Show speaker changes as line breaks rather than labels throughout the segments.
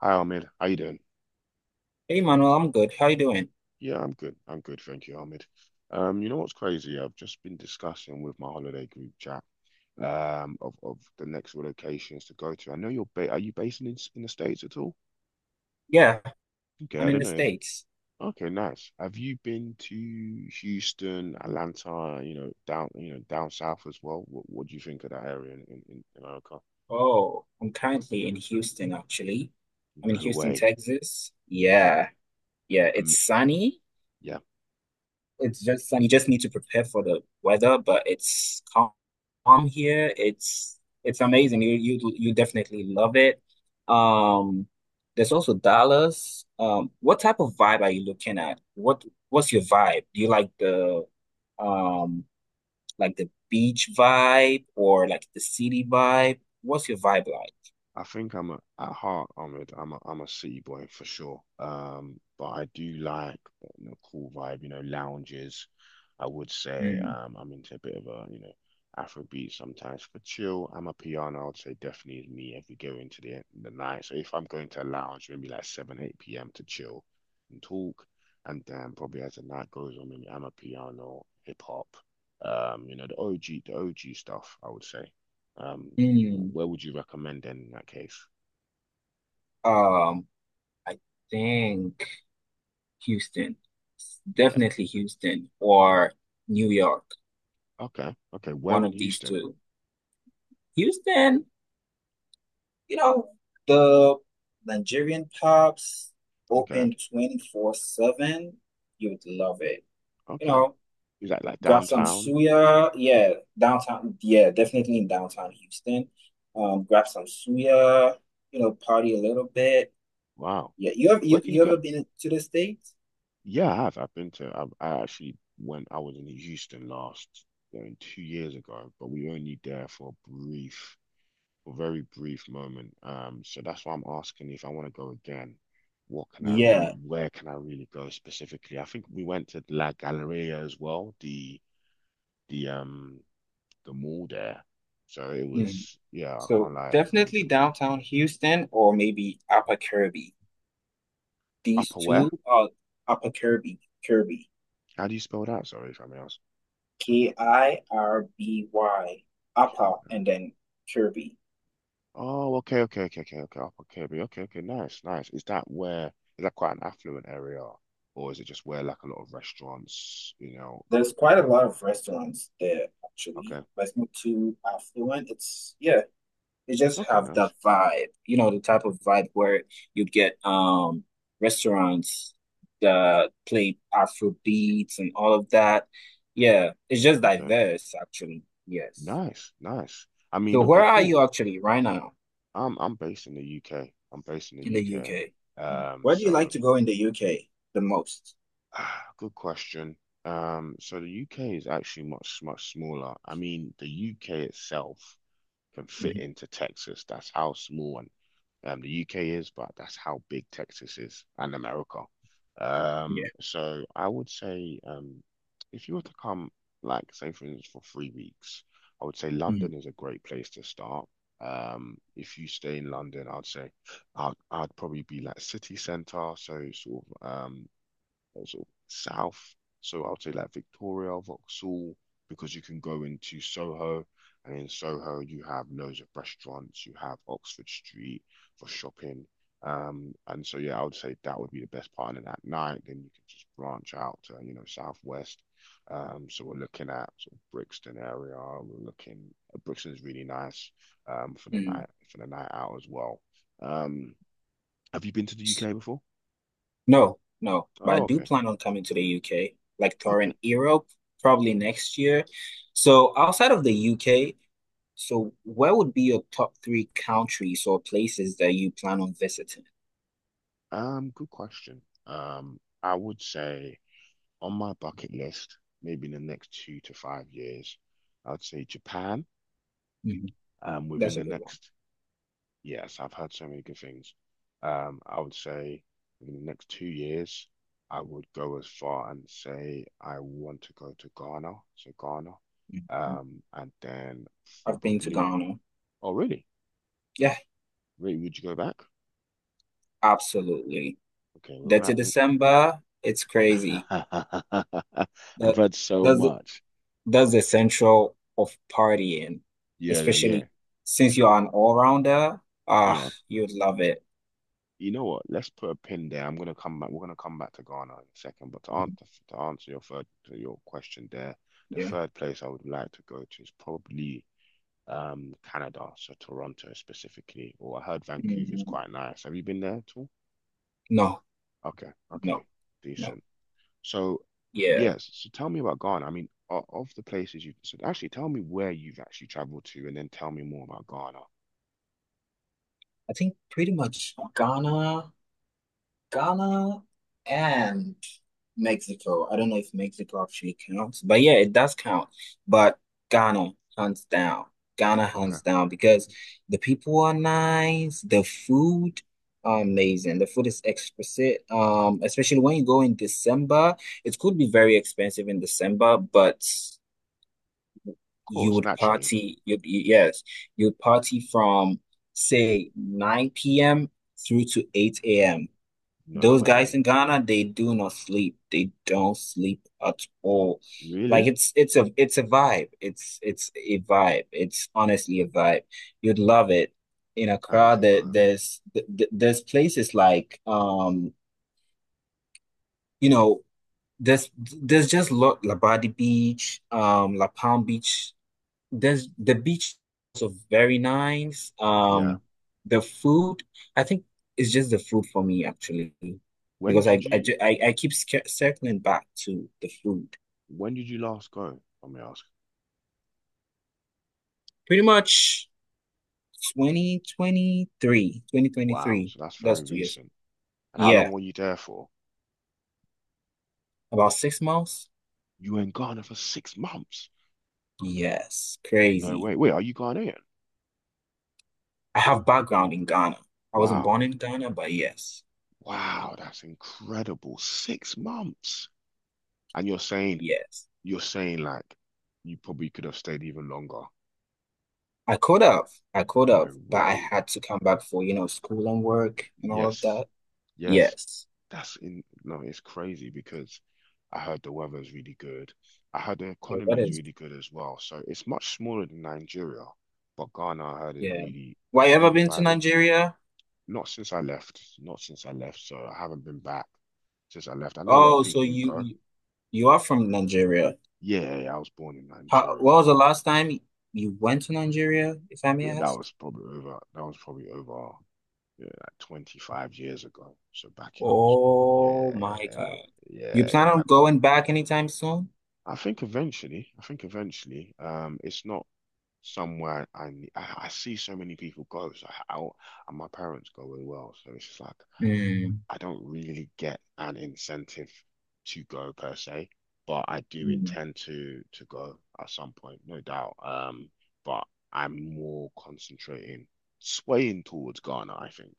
Hi Ahmed, how you doing?
Hey Manuel, I'm good. How you doing?
Yeah, I'm good. I'm good, thank you, Ahmed. You know what's crazy? I've just been discussing with my holiday group chat of the next locations to go to. I know you're ba are you based in the States at all?
Yeah,
Okay,
I'm
I
in
don't
the
know if.
States.
Okay, nice. Have you been to Houston, Atlanta, down south as well? What do you think of that area in America?
Oh, I'm currently in Houston, actually. I'm in
No
Houston,
way.
Texas. Yeah, yeah, it's
Um,
sunny.
yeah,
It's just sunny. You just need to prepare for the weather, but it's calm here. It's amazing. You definitely love it. Um, there's also Dallas. What type of vibe are you looking at? What's your vibe? Do you like the um like the beach vibe or like the city vibe? What's your vibe like?
I think at heart, I'm a city boy for sure. But I do like cool vibe, lounges. I would say
Mm,
I'm into a bit of a, Afrobeat sometimes for chill. I'm a piano, I would say definitely is me if we go into the night. So if I'm going to a lounge, maybe like 7, 8 p.m. to chill and talk. And then probably as the night goes on, maybe I'm a piano, hip hop, the OG stuff, I would say. Um,
mm.
where would you recommend then in that case?
Um, I think Houston.
Yeah.
Definitely Houston or New York.
Okay. Okay. Where
One
in
of these
Houston?
two. Houston, you know, the Nigerian pubs
Okay.
open 24/7. You would love it. You
Okay.
know,
Is that like
grab some
downtown?
suya, yeah, downtown, yeah, definitely in downtown Houston. Grab some suya, you know, party a little bit.
Wow.
Yeah, you have
Where
you,
can you
you
go?
ever been to the States?
Yeah, I have. I've been to. I actually went. I was in Houston last 2 years ago, but we were only there for a very brief moment. So that's why I'm asking if I want to go again. What can I re
Yeah.
where can I really go specifically? I think we went to La Galleria as well, the um the mall there. So it
Mhm.
was, yeah, I
So
can't lie, it was a very
definitely
good time.
downtown Houston or maybe Upper Kirby. These
Upperware?
two are Upper Kirby,
How do you spell that? Sorry if I may ask.
Kirby, Upper
Okay.
and then Kirby.
Oh, okay, okay, okay, okay, okay. Upper Kirby. Okay, okay, nice, nice. Is that quite an affluent area? Or is it just where like a lot of restaurants, you know?
There's quite a lot of restaurants there, actually.
Okay,
But it's not too affluent. It's yeah. They just
okay,
have that
nice.
vibe, you know, the type of vibe where you get restaurants that play Afro beats and all of that. Yeah, it's just
Okay,
diverse, actually. Yes.
nice, nice. I
So
mean,
where
okay,
are
cool.
you actually right now
I'm based in the UK. I'm based in the
in the
UK.
UK? Where do you like
So
to go in the UK the most?
Ah, good question. So the UK is actually much, much smaller. I mean, the UK itself can fit
Mhm.
into Texas. That's how small and the UK is, but that's how big Texas is and America.
Yeah.
So I would say if you were to come, like, say, for instance, for 3 weeks, I would say
Mhm.
London is a great place to start. If you stay in London, I'd say I'd probably be like city centre, so sort of south. So I'll say like Victoria, Vauxhall, because you can go into Soho, and in Soho you have loads of restaurants. You have Oxford Street for shopping. And so yeah, I would say that would be the best part. And at night, then you can just branch out to, southwest. So we're looking at sort of Brixton area. We're looking Brixton is really nice
Mhm.
for the night out as well. Um, have you been to the UK before?
No, no, but I
Oh,
do
okay.
plan on coming to the UK, like
Okay.
touring Europe probably next year. So outside of the UK, so where would be your top 3 countries or places that you plan on visiting?
Good question. I would say on my bucket list, maybe in the next 2 to 5 years, I'd say Japan.
Mhm.
Within
That's a
the
good one.
next, yes, I've heard so many good things. I would say within the next 2 years, I would go as far and say I want to go to Ghana, so Ghana.
Mhm.
And then
I've been to
probably,
Ghana.
oh really?
Yeah,
Really, would you go back?
absolutely.
Okay, we're
That's
gonna.
in December. It's crazy.
I've
That
heard so
that's the-
much.
that's the central of partying,
Yeah, yeah, yeah.
especially since you're an all-rounder. Ah,
Yeah.
you'd love it.
You know what? Let's put a pin there. I'm gonna come back. We're gonna come back to Ghana in a second. But to
Mhm.
answer to answer your third to your question there, the
Yeah.
third place I would like to go to is probably Canada, so Toronto specifically. Or I heard Vancouver's
Mm,
quite nice. Have you been there at all?
No,
Okay, okay,
no, no.
decent. So
Yeah.
yes, so tell me about Ghana. I mean, of the places you've so actually tell me where you've actually traveled to, and then tell me more about Ghana.
I think pretty much Ghana. Ghana and Mexico. I don't know if Mexico actually counts, but yeah, it does count. But Ghana, hands down. Ghana,
Okay,
hands
of
down, because the people are nice, the food are amazing. The food is exquisite. Especially when you go in December, it could be very expensive in December, but you
course,
would
naturally.
party. You'd party from say 9 p.m. through to 8 a.m.
No
Those guys
way.
in Ghana, they do not sleep. They don't sleep at all. Like
Really?
it's a vibe. It's a vibe. It's honestly a vibe. You'd love it. In
I need
Accra,
to
there,
go.
there's th- th- there's places like you know, there's just lot Labadi Beach, La Palm Beach, there's the beach is also very nice.
Yeah.
The food, I think it's just the food for me, actually,
When
because I
did
I
you
ju- I, I keep circling back to the food.
when did you last go? Let me ask.
Pretty much Twenty twenty three, twenty twenty
Wow,
three.
so that's very
That's 2 years.
recent. And how long
Yeah,
were you there for?
about 6 months.
You were in Ghana for 6 months.
Yes,
No
crazy.
way. Wait, are you Ghanaian?
I have background in Ghana. I wasn't
Wow.
born in Ghana, but yes,
Wow, that's incredible. 6 months. And you're saying
yes.
you're saying like you probably could have stayed even longer.
I could have,
No
but I
way.
had to come back for, you know, school and work and all of
Yes.
that.
Yes.
Yes.
That's in No, it's crazy because I heard the weather is really good. I heard the
So what
economy is
is,
really good as well. So it's much smaller than Nigeria, but Ghana I heard is
yeah.
really
Why
is
you ever
really
been to
vibing.
Nigeria?
Not since I left, not since I left. So I haven't been back since I left. I know a lot of
Oh, so
people who
you
go,
you you are from Nigeria.
yeah, yeah, yeah, I was born in Nigeria.
What was the last time you went to Nigeria, if I may
Yeah, that
ask?
was probably over. That was probably over, yeah, like 25 years ago. So back in, so yeah, yeah,
Oh my
yeah,
God. You
yeah, yeah,
plan on
back in.
going back anytime soon?
I think eventually, it's not somewhere I see so many people go, so and my parents go as well. So it's just like
Mm,
I don't really get an incentive to go per se, but I do
mm,
intend to go at some point, no doubt. But I'm more concentrating, swaying towards Ghana, I think.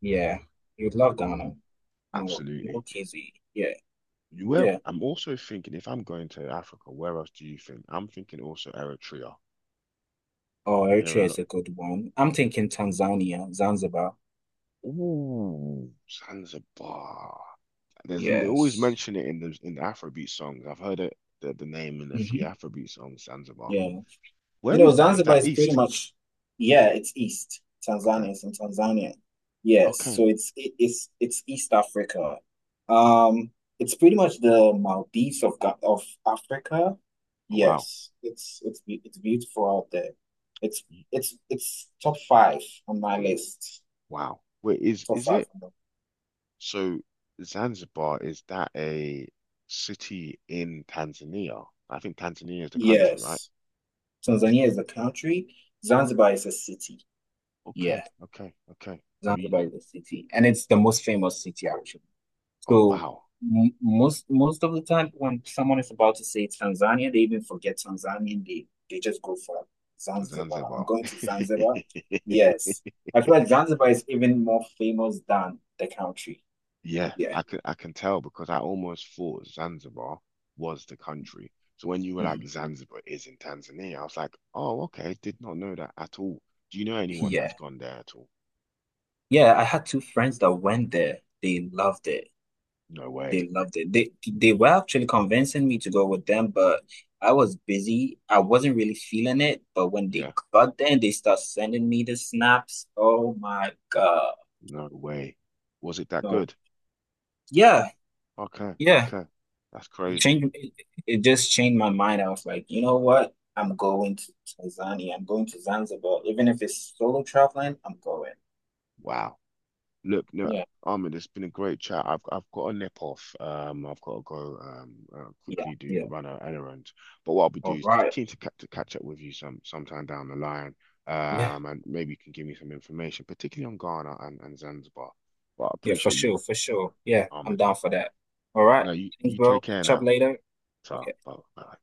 yeah. You'd love Ghana. No, no
Absolutely.
KZ. Yeah,
You where
yeah.
I'm also thinking if I'm going to Africa, where else do you think? I'm thinking also Eritrea.
Oh,
I'm hearing
Eritrea
a
is
lot.
a good one. I'm thinking Tanzania, Zanzibar.
Ooh, Zanzibar. There's they always
Yes.
mention it in the Afrobeat songs. I've heard it the name in a few
Hmm.
Afrobeat songs, Zanzibar.
Yeah.
Where is that? Is
Zanzibar
that
is pretty
east?
much, yeah, it's east.
Okay.
Tanzania is Tanzania. Yes,
Okay.
so it's it's East Africa. Um, it's pretty much the Maldives of of Africa.
Oh, wow.
Yes, it's beautiful out there. It's it's top 5 on my list.
Wow. Wait, is
Top
is
five.
it?
on the-
So Zanzibar, is that a city in Tanzania? I think Tanzania is the country, right?
Yes, Tanzania is a country. Zanzibar is a city. Yeah.
Okay, okay, okay. I you?
Zanzibar is a city, and it's the most famous city, actually.
Oh
So
wow.
m most most of the time when someone is about to say Tanzania, they even forget Tanzania and they just go for
For
Zanzibar. I'm
Zanzibar.
going to Zanzibar. Yes. I feel like Zanzibar is even more famous than the country.
Yeah,
Yeah.
I can tell because I almost thought Zanzibar was the country. So when you were like
Mhm.
Zanzibar is in Tanzania, I was like, oh, okay, did not know that at all. Do you know anyone
Yeah.
that's gone there at all?
Yeah, I had 2 friends that went there. They loved it.
No way.
They loved it. They were actually convincing me to go with them, but I was busy. I wasn't really feeling it. But when they
Yeah,
got there and they start sending me the snaps, oh my God.
no way. Was it that
No.
good?
Yeah,
Okay,
yeah.
okay. That's
It
crazy.
changed it, it just changed my mind. I was like, you know what? I'm going to Tanzania. I'm going to Zanzibar. Even if it's solo traveling, I'm going.
Wow. Look, no,
Yeah,
Ahmed, it's been a great chat. I've got a nip off. I've got to go
yeah,
quickly do
yeah.
run an errand. But what I'll be
All
doing is
right.
keen to catch up with you sometime down the line.
Yeah,
And maybe you can give me some information, particularly on Ghana and Zanzibar. But I
yeah, for
appreciate you,
sure, for sure. Yeah, I'm
Ahmed.
down for that. All right.
No,
Thanks,
you take
bro.
care
Catch up
now.
later.
So,
Okay.
bye. Bye.